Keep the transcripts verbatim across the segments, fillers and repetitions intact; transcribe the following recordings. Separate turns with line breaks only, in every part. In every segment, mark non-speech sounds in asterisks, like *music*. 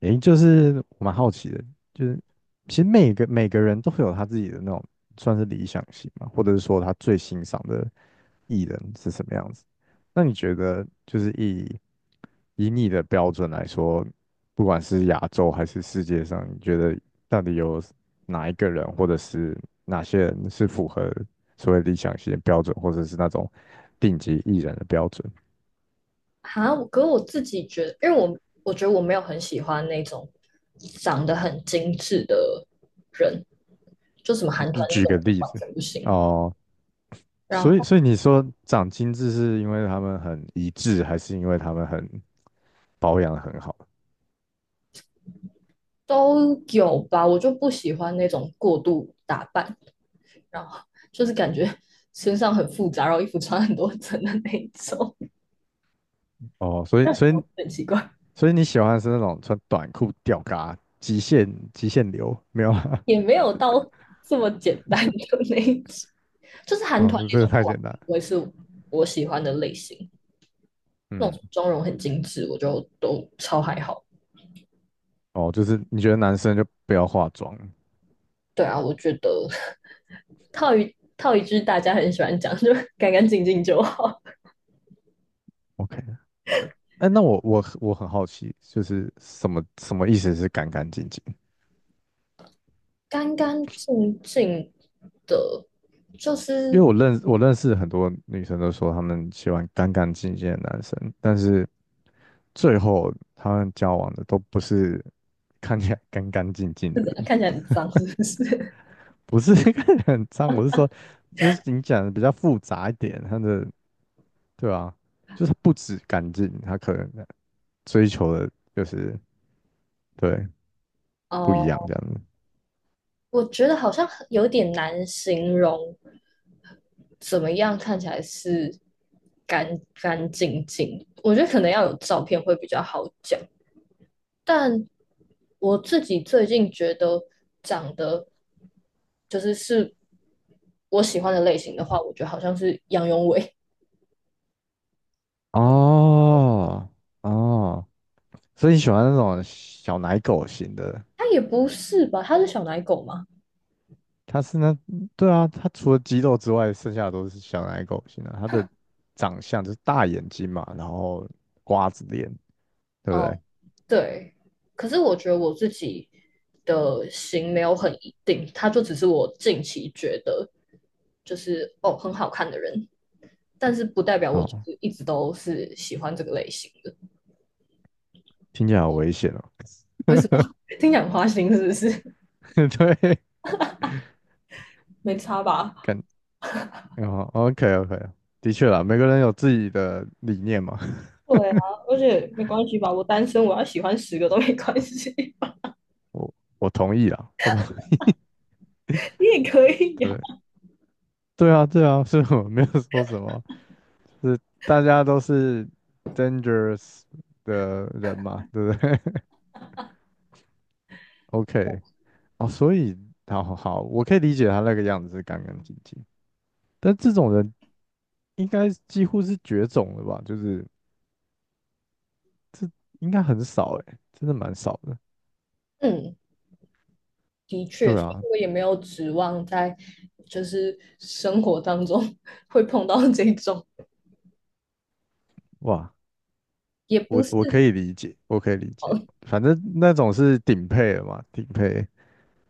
诶，就是我蛮好奇的，就是其实每个每个人都会有他自己的那种算是理想型嘛，或者是说他最欣赏的艺人是什么样子。那你觉得就是以以你的标准来说，不管是亚洲还是世界上，你觉得到底有哪一个人或者是哪些人是符合所谓理想型的标准，或者是那种顶级艺人的标准？
哈，我可我自己觉得，因为我我觉得我没有很喜欢那种长得很精致的人，就什么韩
就
团那
举个
种我
例
完
子
全不行。
哦。
然
所以，
后
所以你说长精致是因为他们很一致，还是因为他们很保养的很好？
都有吧，我就不喜欢那种过度打扮，然后就是感觉身上很复杂，然后衣服穿很多层的那一种，
哦，所以，所以，
*laughs* 很奇怪，
所以你喜欢的是那种穿短裤吊嘎极限极限流，没有啊？
也没有到这么简单的那一种，就是
*laughs*
韩
哦，
团那
这个
种
太
话，
简单了。
不会是我喜欢的类型。那种
嗯，
妆容很精致，我就都超还好。
哦，就是你觉得男生就不要化妆
对啊，我觉得套一套一句大家很喜欢讲，就干干净净就好，
，OK?哎，那我我我很好奇，就是什么什么意思是干干净净？
干干净净的，就
因为
是
我认我认识很多女生都说她们喜欢干干净净的男生，但是最后他们交往的都不是看起来干干净
*laughs*
净的
是怎样
人，
看起来很脏，是不是？
不是 *laughs* 看起来很脏，我是说，就是你讲的比较复杂一点，他的对啊，就是不止干净，他可能追求的就是对
*laughs* 哦，
不一样
uh,
这样子。
我觉得好像有点难形容，怎么样看起来是干干净净？我觉得可能要有照片会比较好讲。但我自己最近觉得长得就是是我喜欢的类型的话，我觉得好像是杨永伟，
哦哦，所以你喜欢那种小奶狗型的？
他也不是吧？他是小奶狗吗？
它是那，对啊，它除了肌肉之外，剩下的都是小奶狗型的。它的长相就是大眼睛嘛，然后瓜子脸，对不
哦，
对？
对。可是我觉得我自己的型没有很一定，他就只是我近期觉得就是哦很好看的人，但是不代表我就
哦，
是一直都是喜欢这个类型的。
听起来好危险哦。
为什么？*laughs* 听讲花心是不是？
*laughs* 对，
没差吧？
感，哦，O K O K,的确啦，每个人有自己的理念嘛，*laughs*
对啊，而且没关系吧，我单身，我要喜欢十个都没关系，*laughs*
我我同意啦，我同，
你也可以
*laughs*
呀、
对，对啊，对啊，*laughs* 所以我没有说什么，是大家都是 dangerous 的人嘛，对不对 *laughs*？OK,哦，所以好好好，我可以理解他那个样子是干干净净，但这种人应该几乎是绝种了吧？就是这应该很少哎，真的蛮少的。
嗯，的确，
对
所以
啊，
我也没有指望在就是生活当中 *laughs* 会碰到这种，
哇，
也不
我
是
我可以理解，我可以理解，
哦，
反正那种是顶配了嘛，顶配。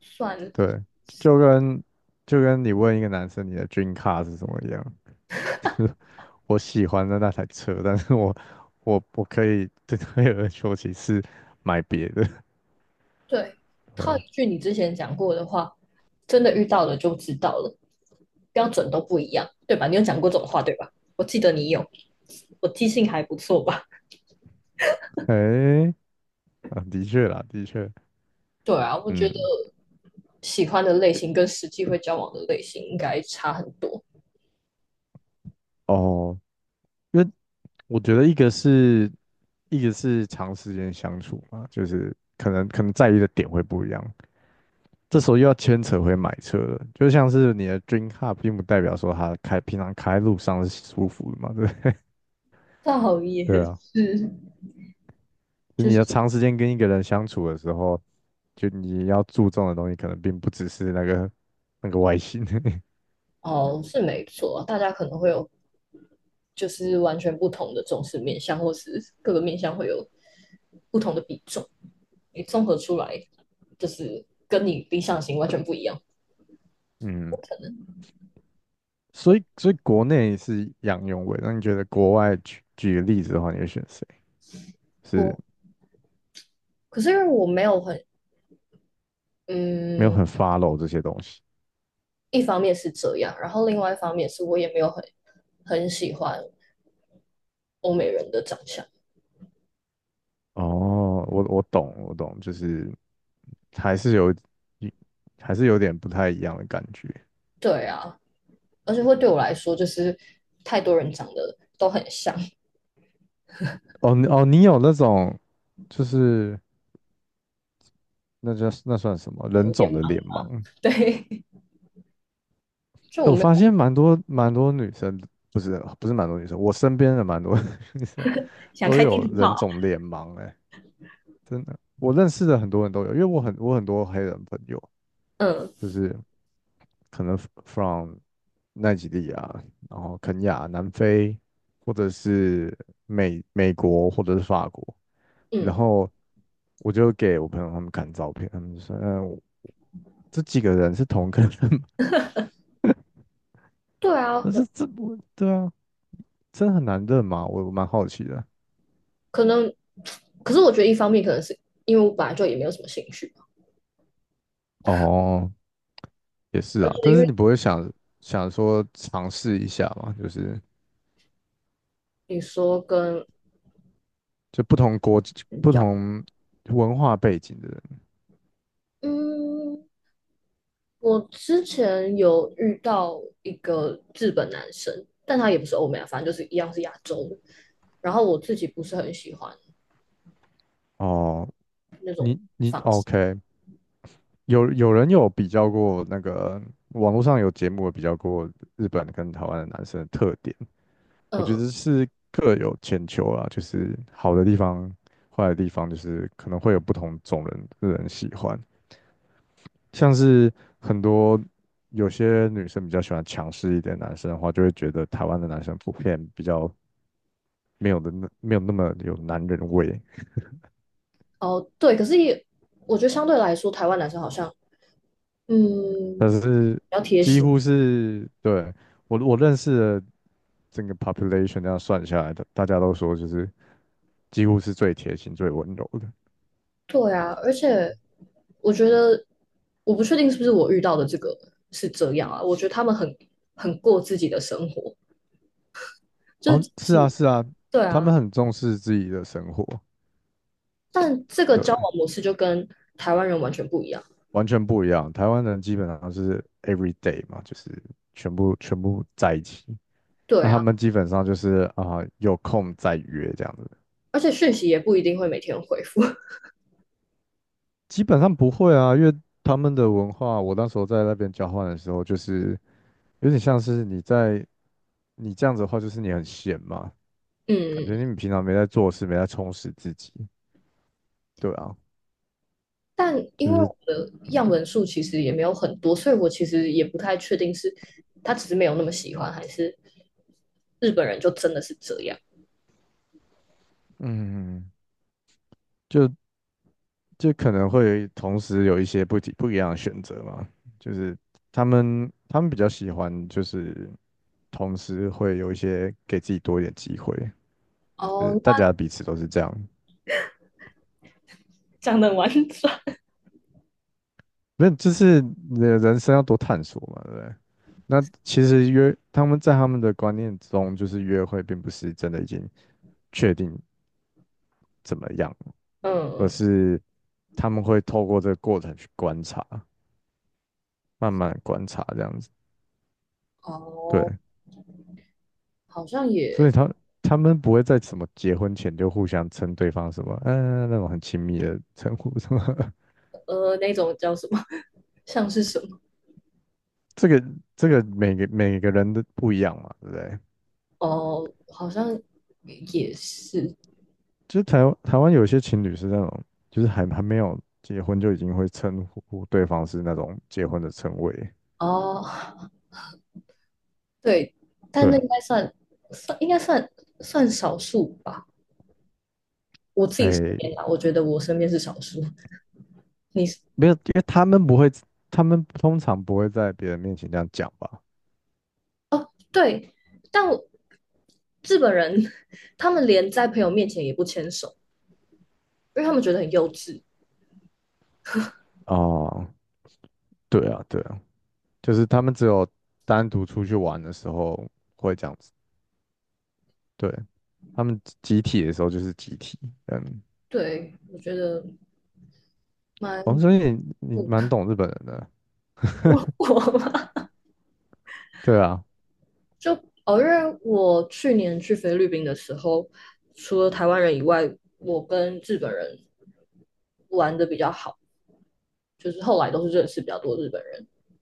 算了，
对，就跟就跟你问一个男生你的 dream car 是什么一样，我喜欢的那台车，但是我我我可以对有而说，其次买别的。
对，
*laughs*
套
对，
一句你之前讲过的话，真的遇到了就知道了，标准都不一样，对吧？你有讲过这种话，对吧？我记得你有，我记性还不错吧？
哎、啊，的确啦，的确。
对啊，我觉得
嗯，
喜欢的类型跟实际会交往的类型应该差很多。
哦，因为我觉得一个是一个是长时间相处嘛，就是可能可能在意的点会不一样，这时候又要牵扯回买车了，就像是你的 dream car 并不代表说它开平常开路上是舒服的嘛，*laughs* 对不对？
倒也
*laughs* 对
是，
啊，就
就
你
是
要长时间跟一个人相处的时候，就你要注重的东西可能并不只是那个那个外形，
哦，是没错，大家可能会有就是完全不同的重视面向，或是各个面向会有不同的比重。你综合出来，就是跟你理想型完全不一样。
*laughs* 嗯，所以所以国内是杨永伟，那你觉得国外举举个例子的话，你会选谁？是。
我可是因为我没有很
没有
嗯，
很 follow 这些东西。
一方面是这样，然后另外一方面是我也没有很很喜欢欧美人的长相。
哦，我我懂，我懂，就是还是有一，还是有点不太一样的感觉。
对啊，而且会对我来说，就是太多人长得都很像，
哦你哦，你有那种，就是那叫那算什么
有
人
点
种的
忙。
脸盲？
对，就
诶
我
我
没
发
有
现蛮多蛮多女生，不是不是蛮多女生，我身边的蛮多 *laughs* 女生
*laughs* 想
都
开地
有
图炮
人
啊？
种脸盲、欸哎，真的，我认识的很多人都有，因为我很我很多黑人朋友，
嗯
就是可能 f- r o m 奈及利亚，然后肯亚、南非，或者是美美国，或者是法国。然
嗯，
后我就给我朋友他们看照片，他们就说："嗯、我这几个人是同个人吗？"
对
*laughs*
啊，
那这
我
这不对啊，真的很难认吗？我我蛮好奇的。
可能，可是我觉得一方面可能是因为我本来就也没有什么兴趣，
哦，也是
而且
啊，但
因
是
为
你不会想想说尝试一下嘛？就是
你说跟
就不同国、
嗯
不
家
同文化背景的人。
嗯，我之前有遇到一个日本男生，但他也不是欧美啊，反正就是一样是亚洲的。然后我自己不是很喜欢
哦，
那种
你你
方式，
OK,有有人有比较过那个网络上有节目有比较过日本跟台湾的男生的特点，
嗯
我觉
嗯
得是各有千秋啦，就是好的地方、坏的地方，就是可能会有不同种人的人喜欢，像是很多有些女生比较喜欢强势一点的男生的话，就会觉得台湾的男生普遍比较没有的那没有那么有男人味，
哦，对，可是也，我觉得相对来说，台湾男生好像，嗯，
但
比
是
较贴
几
心。
乎是对。我我认识的整个 population 这样算下来的，大家都说就是几乎是最贴心、最温柔的。
对啊，而且我觉得，我不确定是不是我遇到的这个是这样啊。我觉得他们很很过自己的生活，就
哦，
是
是啊，
是
是啊，
对
他们
啊。
很重视自己的生活，
但这个
对，
交往模式就跟台湾人完全不一样。
完全不一样。台湾人基本上是 every day 嘛，就是全部全部在一起。
对
那他
啊，
们基本上就是啊、有空再约这样子，
而且讯息也不一定会每天回复。*laughs*
基本上不会啊，因为他们的文化，我那时候在那边交换的时候，就是有点像是你在你这样子的话，就是你很闲嘛，感
嗯，
觉你平常没在做事，没在充实自己。对啊，
但
就
因为
是
我的
嗯
样本数其实也没有很多，所以我其实也不太确定是他只是没有那么喜欢，还是日本人就真的是这样。
嗯，就就可能会同时有一些不一不一样的选择嘛，就是他们他们比较喜欢就是同时会有一些给自己多一点机会，就
哦，
是大
那
家彼此都是这样，
*laughs* 讲的完整，
没有，就是你的人生要多探索嘛，对不对？那其实约他们在他们的观念中，就是约会并不是真的已经确定怎么样，而
嗯，
是他们会透过这个过程去观察，慢慢地观察这样子。对，
哦，好像
所以
也
他他们不会在什么结婚前就互相称对方什么，嗯、那种很亲密的称呼什么。*laughs*
呃，那种叫什么，*laughs* 像是什么？
这个这个每个每个人的不一样嘛，对不对？
哦，好像也是
就是台湾台湾有些情侣是那种，就是还还没有结婚就已经会称呼对方是那种结婚的称谓。
哦，对，但
对
那
啊，
应该算算应该算算少数吧。我自己身
诶，
边啦，我觉得我身边是少数。你
没有，因为他们不会，他们通常不会在别人面前这样讲吧？
对，但我日本人他们连在朋友面前也不牵手，因为他们觉得很幼稚。
哦，对啊，对啊，就是他们只有单独出去玩的时候会这样子，对，他们集体的时候就是集体，嗯，
对，我觉得蛮
哦，所以你你
不
蛮懂日本人的，
*laughs* 我我嘛，
对啊。
就哦，因为我去年去菲律宾的时候，除了台湾人以外，我跟日本人玩的比较好，就是后来都是认识比较多日本人。